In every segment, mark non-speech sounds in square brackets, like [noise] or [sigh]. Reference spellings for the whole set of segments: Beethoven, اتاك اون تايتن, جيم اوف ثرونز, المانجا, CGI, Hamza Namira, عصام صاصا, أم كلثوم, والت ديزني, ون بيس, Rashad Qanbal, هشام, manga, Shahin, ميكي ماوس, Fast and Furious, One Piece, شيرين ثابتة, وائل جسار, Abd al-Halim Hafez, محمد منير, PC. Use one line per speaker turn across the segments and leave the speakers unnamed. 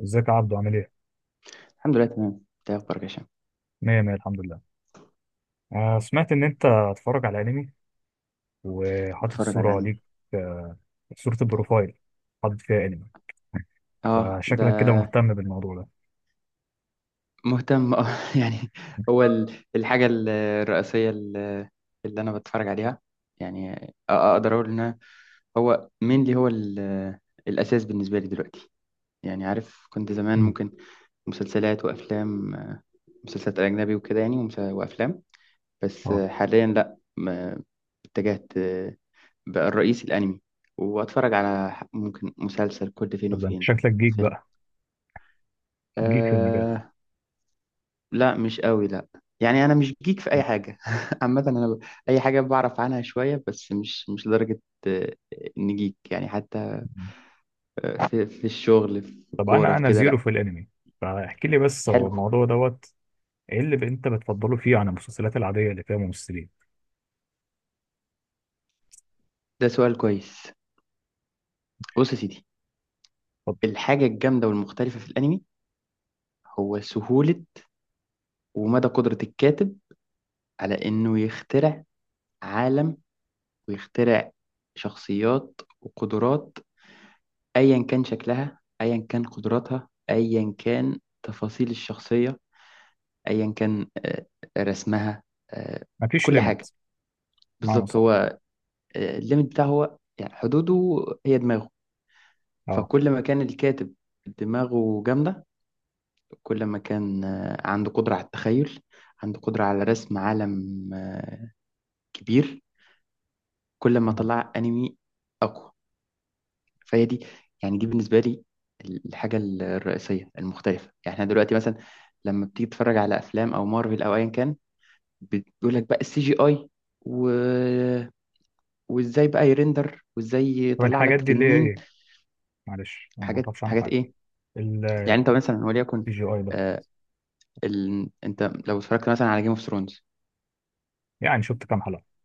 ازيك يا عبدو، عامل ايه؟
الحمد لله تمام. انت إيه اخبارك يا هشام؟
مية مية، الحمد لله. آه، سمعت إن أنت هتتفرج على أنمي وحاطط
بتفرج على
صورة ليك.
انمي.
آه، صورة البروفايل حاطط فيها أنمي.
اه ده
فشكلك كده مهتم بالموضوع ده.
مهتم اه [laughs] يعني هو الرئيسيه اللي انا بتفرج عليها. يعني اقدر اقول ان هو مين اللي هو الاساس بالنسبه لي دلوقتي. يعني عارف، كنت زمان
مم.
ممكن مسلسلات وافلام، مسلسلات اجنبي وكده يعني وافلام. بس
اه.
حاليا لا اتجهت، بقى الرئيس الانمي، واتفرج على ممكن مسلسل كل فين
طب أنت
وفين
شكلك جيك
فيلم.
بقى، جيك في المجال.
آه، لا مش قوي، لا. يعني انا مش جيك في اي حاجه. [laughs] عامه انا اي حاجه بعرف عنها شويه بس مش لدرجه آه، ان جيك يعني. حتى
مم.
في الشغل، في
طب
الكوره،
أنا
في
أنا
كده
زيرو
لا.
في الأنمي، فاحكي لي بس هو
حلو.
الموضوع دوت إيه اللي أنت بتفضله فيه عن المسلسلات العادية اللي فيها ممثلين؟
ده سؤال كويس. بص يا سيدي،
اتفضل.
الحاجه الجامده والمختلفه في الانمي هو سهوله ومدى قدره الكاتب على انه يخترع عالم، ويخترع شخصيات وقدرات، ايا كان شكلها، ايا كان قدراتها، ايا كان تفاصيل الشخصيه، ايا كان رسمها، آه،
مفيش
كل حاجه.
ليميت، معنى
بالظبط،
صح.
هو الليميت بتاعه هو يعني حدوده هي دماغه.
اه،
فكل ما كان الكاتب دماغه جامده، كل ما كان عنده قدره على التخيل، عنده قدره على رسم عالم كبير، كل ما
تمام.
طلع انمي اقوى. فهي دي يعني دي بالنسبه لي الحاجه الرئيسيه المختلفه. يعني احنا دلوقتي مثلا لما بتيجي تتفرج على افلام او مارفل او ايا كان، بتقول لك بقى السي جي اي، وازاي بقى يرندر وازاي
طب
يطلع
الحاجات
لك
دي اللي هي
تنين.
إيه؟ معلش أنا ما
حاجات
أعرفش عنها
حاجات
حاجة.
ايه؟ يعني
السي
انت مثلا وليكن
جي اي ده؟
آه، انت لو اتفرجت مثلا على جيم اوف ثرونز،
يعني شفت كام حلقة؟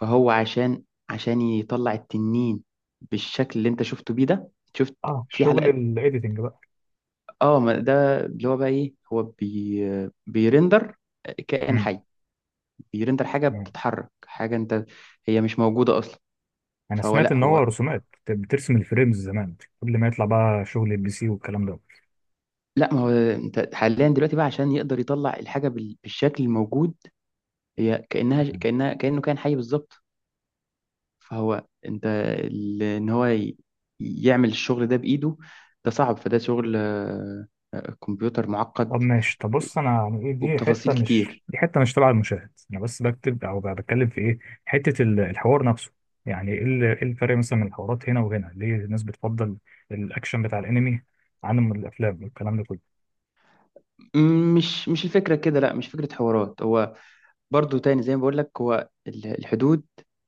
فهو عشان يطلع التنين بالشكل اللي انت شفته بيه ده، شفت
اه،
في
شغل
حلقات؟
الايديتنج بقى.
اه ما ده اللي هو بقى ايه، هو بيرندر كائن
امم،
حي، بيرندر حاجة
تمام.
بتتحرك، حاجة انت هي مش موجودة اصلا.
انا
فهو
سمعت
لا
ان هو
هو
رسومات بترسم الفريمز زمان، قبل ما يطلع بقى شغل البي سي والكلام ده.
لا. ما هو انت حاليا دلوقتي بقى عشان يقدر يطلع الحاجة بالشكل الموجود هي كأنها كأنه كان حي بالظبط. فهو انت ان هو يعمل الشغل ده بإيده، ده صعب، فده شغل كمبيوتر
طب
معقد
ماشي، طب بص انا. يعني ايه دي حته
وبتفاصيل
مش
كتير.
دي حته مش تبع المشاهد، انا بس بكتب او بقى بتكلم في ايه، حته الحوار نفسه. إيه الفرق مثلا من الحوارات هنا وهنا، ليه الناس بتفضل الاكشن بتاع الانمي عن الافلام والكلام ده كله؟
مش الفكرة كده، لا مش فكرة حوارات. هو برضو تاني زي ما بقول لك هو الحدود،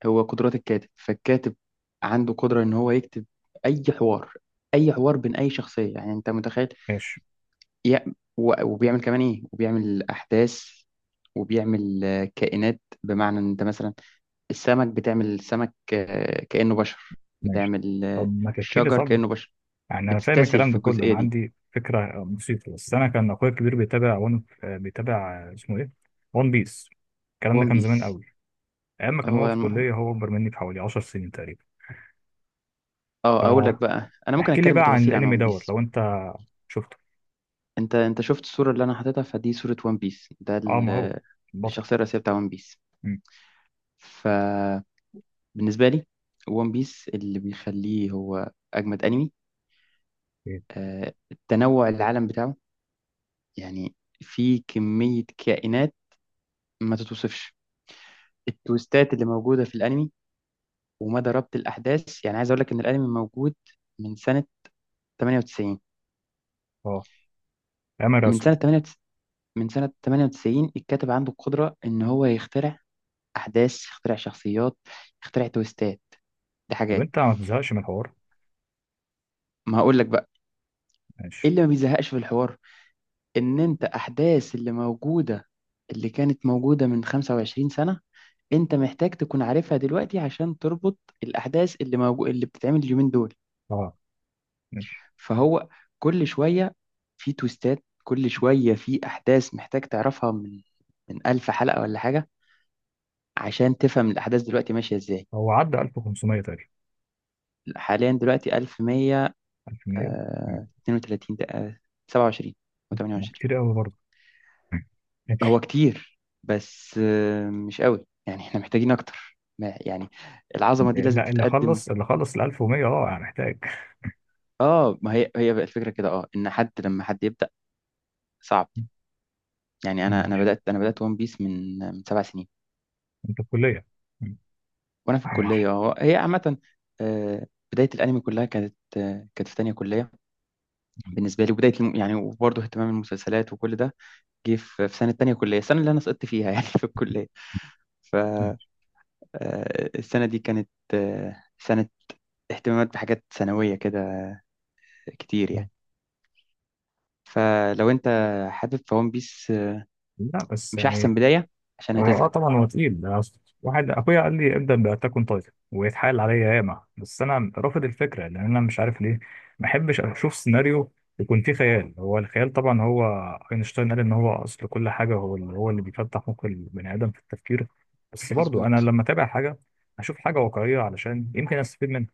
هو قدرات الكاتب. فالكاتب عنده قدرة ان هو يكتب اي حوار، اي حوار بين اي شخصية. يعني انت متخيل
ماشي،
يا وبيعمل كمان ايه، وبيعمل احداث، وبيعمل كائنات. بمعنى ان انت مثلا السمك بتعمل سمك كأنه بشر،
ماشي.
بتعمل
طب ما تحكي لي،
الشجر
طب.
كأنه بشر،
يعني انا فاهم
بتستسهل
الكلام
في
ده كله،
الجزئية
انا
دي.
عندي فكره بسيطه، بس انا كان اخويا الكبير بيتابع ون بيتابع اسمه ايه، ون بيس. الكلام ده
ون
كان زمان
بيس،
قوي، ايام ما كان
هو
هو في كليه. هو اكبر مني بحوالي 10 سنين تقريبا.
اه اقول لك بقى، انا ممكن
فاحكي لي
اتكلم
بقى عن
بتفاصيل عن
الانمي
ون
دوت
بيس.
لو انت شفته.
انت شفت الصورة اللي انا حاططها، فدي صورة ون بيس. ده
اه، ما هو البطل.
الشخصية الرئيسية بتاع ون بيس.
مم.
فبالنسبة لي، ون بيس اللي بيخليه هو اجمد انمي
إيه؟
التنوع، العالم بتاعه يعني، في كمية كائنات ما تتوصفش، التويستات اللي موجودة في الأنمي، ومدى ربط الأحداث. يعني عايز أقول لك إن الأنمي موجود من سنة 98.
اه، ايام الرسم.
من سنة 98 من سنة 98 الكاتب عنده القدرة إن هو يخترع أحداث، يخترع شخصيات، يخترع تويستات. دي
طب
حاجات
انت ما تزهقش من الحوار؟
ما هقول لك بقى، إيه
ماشي.
اللي ما بيزهقش في الحوار؟ إن أنت أحداث اللي كانت موجودة من 25 سنة، انت محتاج تكون عارفها دلوقتي عشان تربط الاحداث اللي بتتعمل اليومين دول.
اه، ماشي.
فهو كل شويه في تويستات، كل شويه في احداث محتاج تعرفها من 1000 حلقه ولا حاجه عشان تفهم الاحداث دلوقتي ماشيه ازاي.
هو عدى 1500 تقريبا؟
حاليا دلوقتي
1100. مم.
1132 27
ما
و28.
كتير قوي برضه. [laughs] مم.
هو
ماشي.
كتير بس مش قوي، يعني احنا محتاجين اكتر يعني العظمه دي لازم
لا، اللي
تتقدم.
خلص اللي خلص ال 1100، اه يعني محتاج.
اه ما هي هي بقى الفكره كده، اه ان حد لما حد صعب.
[laughs]
يعني انا انا
ماشي.
بدات انا بدات ون بيس من سبع سنين
انت في كليه. ماشي.
وانا في الكليه اهو. هي عامه آه، بدايه الانمي كلها كانت كانت في تانية كليه بالنسبه لي، وبدايه يعني وبرضه اهتمام المسلسلات وكل ده جه في سنه تانية كليه، السنه اللي انا سقطت فيها [laughs] يعني في الكليه. فالسنه
ماشي.
دي كانت سنه اهتمامات بحاجات ثانويه كده كتير
مم.
يعني. فلو انت حابب فون بيس
لا بس
مش احسن
يعني.
بدايه، عشان
هو
هتزهق.
طبعا هو تقيل ده، أصل واحد اخويا قال لي ابدا باتاك اون تايتن ويتحايل عليا ياما، بس انا رافض الفكره لان انا مش عارف ليه. ما احبش اشوف سيناريو يكون فيه خيال. هو الخيال طبعا، هو اينشتاين قال ان هو اصل كل حاجه، هو اللي بيفتح مخ البني ادم في التفكير. بس برضو انا
مظبوط.
لما اتابع حاجه اشوف حاجه واقعيه علشان يمكن استفيد منها،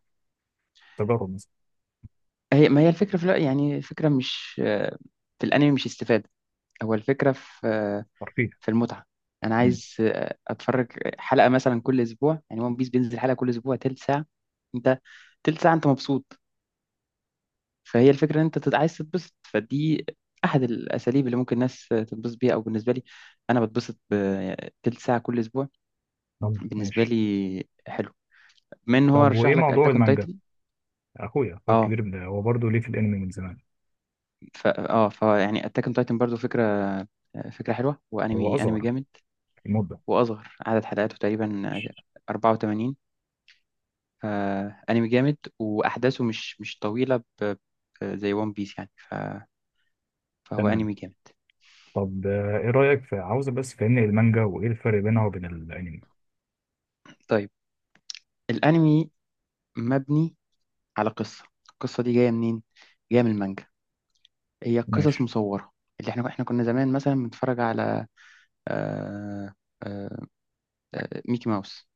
تجارب مثلا.
هي ما هي الفكرة في، لا يعني الفكرة مش آه، في الأنمي مش استفادة، هو الفكرة في
ترفيه.
في المتعة. أنا
مم.
عايز أتفرج حلقة مثلا كل أسبوع. يعني ون بيس بينزل حلقة كل أسبوع تلت ساعة، أنت تلت ساعة أنت مبسوط. فهي الفكرة إن أنت عايز تتبسط، فدي أحد الأساليب اللي ممكن الناس تتبسط بيها، أو بالنسبة لي أنا بتبسط بتلت ساعة كل أسبوع،
طب
بالنسبة
ماشي.
لي حلو. من هو
طب
رشح
وايه
لك
موضوع
أتاك أون
المانجا؟
تايتن؟
اخويا الكبير هو برضه ليه في الانمي من زمان.
ف اه فيعني اتاك اون تايتن برضو فكره فكره حلوه،
هو
وانمي
اصغر
جامد.
في المده.
واصغر عدد حلقاته تقريبا 84. فانمي جامد، واحداثه مش طويله زي ون بيس يعني فهو
تمام.
انمي جامد.
طب ايه رايك، في عاوزه بس فهمني المانجا وايه الفرق بينها وبين الانمي.
طيب، الانمي مبني على قصه، القصه دي جايه منين؟ جايه من المانجا، هي قصص
ماشي.
مصوره. اللي احنا كنا زمان مثلا بنتفرج على آه... آه... ميكي ماوس.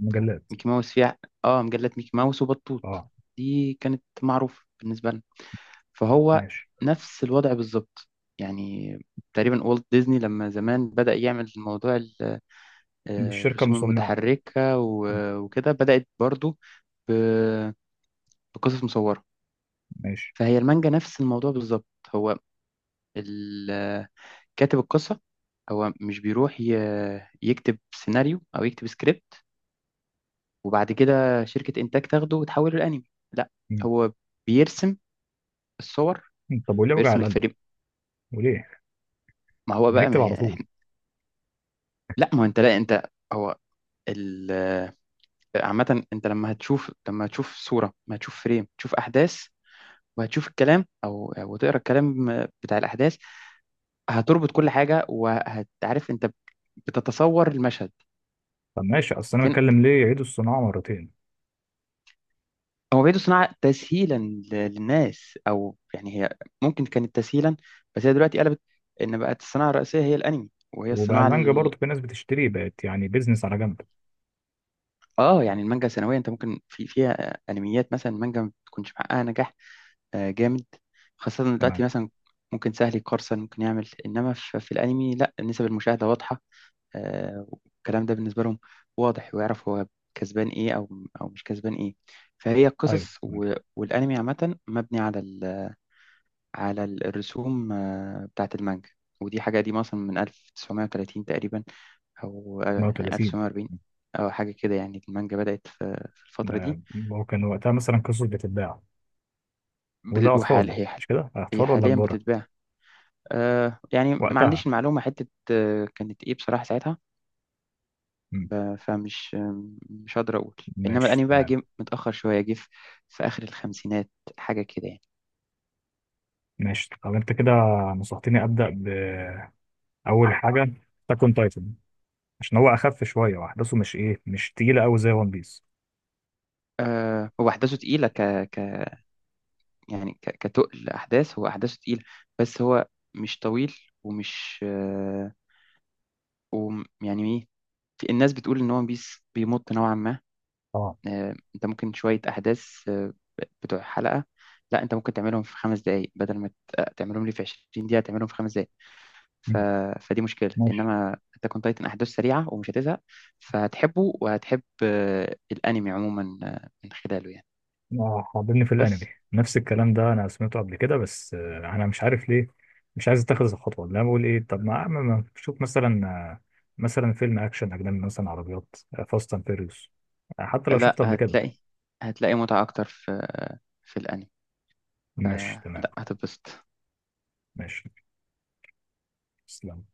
مجلات.
ميكي ماوس فيها اه، مجلات ميكي ماوس وبطوط.
اه،
دي كانت معروفة بالنسبة لنا. فهو
ماشي.
نفس الوضع بالظبط يعني. تقريبا والت ديزني لما زمان بدأ يعمل موضوع
دي الشركه
الرسوم
المصنعه.
المتحركة
م،
وكده، بدأت برضو ب- بقصص مصورة.
ماشي.
فهي المانجا نفس الموضوع بالظبط. هو ال- آه، كاتب القصة هو مش بيروح يكتب سيناريو أو يكتب سكريبت، وبعد كده شركة إنتاج تاخده وتحوله لأنمي، لا.
م.
هو بيرسم الصور،
طب وليه وجع
بيرسم
القلب،
الفريم.
وليه
ما هو بقى
هيكتب
ما هي
على طول؟
احنا، لا ما هو انت، لا انت هو ال عامة انت لما هتشوف، لما هتشوف صورة، ما هتشوف فريم، تشوف أحداث، وهتشوف الكلام أو وتقرا الكلام بتاع الأحداث، هتربط كل حاجة وهتعرف انت بتتصور المشهد.
طب ماشي، اصل انا بتكلم ليه يعيدوا الصناعه مرتين،
هو بيدو صناعة تسهيلا للناس، أو يعني هي ممكن كانت تسهيلا، بس هي دلوقتي قلبت، إن بقت الصناعة الرئيسية هي الأنمي، وهي
وبقى
الصناعة
المانجا
ال...
برضه في ناس بتشتري، بقت يعني بيزنس على جنب.
آه يعني المانجا سنويا أنت ممكن في فيها أنميات. مثلا المانجا ما بتكونش محققة نجاح جامد، خاصة إن دلوقتي
تمام.
مثلا ممكن سهل يقرصن ممكن يعمل. إنما في, في الأنمي لا، نسب المشاهدة واضحة والكلام ده بالنسبة لهم واضح، ويعرف هو كسبان إيه أو أو مش كسبان إيه. فهي
ايوه،
القصص
تمام.
والأنمي عامة مبني على على الرسوم بتاعة المانجا. ودي حاجة قديمة أصلا من 1930 تقريبا، أو يعني
38.
1940 أو حاجة كده يعني. المانجا بدأت في الفترة دي
ده هو كان وقتها مثلا قصص بتتباع ولا
وحال
أطفال،
هي حال،
مش كده،
هي
أطفال ولا
حاليا
كبار؟
بتتباع يعني ما
وقتها.
عنديش المعلومة حتة كانت إيه بصراحة ساعتها.
مم.
ب- فمش آه، مش هقدر أقول. إنما
ماشي،
الأنمي بقى
تمام.
جه متأخر شوية، جه في آخر الخمسينات حاجة كده يعني.
ماشي، طب أنت كده نصحتني أبدأ بأول حاجة تاكون تايتن عشان هو أخف شوية وأحداثه مش مش تقيلة أوي زي ون بيس.
هو أحداثه تقيلة ك يعني كتقل احداث، هو احداثه تقيله. بس هو مش طويل ومش يعني ايه، الناس بتقول ان هو ون بيس بيمط نوعا ما.
أه.
انت ممكن شويه احداث بتوع حلقه، لا انت ممكن تعملهم في خمس دقائق، بدل ما تعملهم لي في 20 دقيقه، تعملهم في خمس دقائق. ف...
مم.
فدي مشكله.
ماشي.
انما اتاك اون تايتن احداث سريعه ومش هتزهق، فهتحبه وهتحب الانمي عموما من خلاله يعني.
حاضرني في
بس
الأنمي. نفس الكلام ده أنا سمعته قبل كده، بس أنا مش عارف ليه مش عايز أتخذ الخطوة. اللي أنا بقول إيه، طب شوف مثلا، مثلا فيلم أكشن أجنبي، مثلا عربيات، فاست أند فيريوس، حتى لو
لا
شفته قبل كده.
هتلاقي، هتلاقي متعه اكتر في في الانمي.
ماشي، تمام.
لا هتتبسط.
ماشي. تسلم.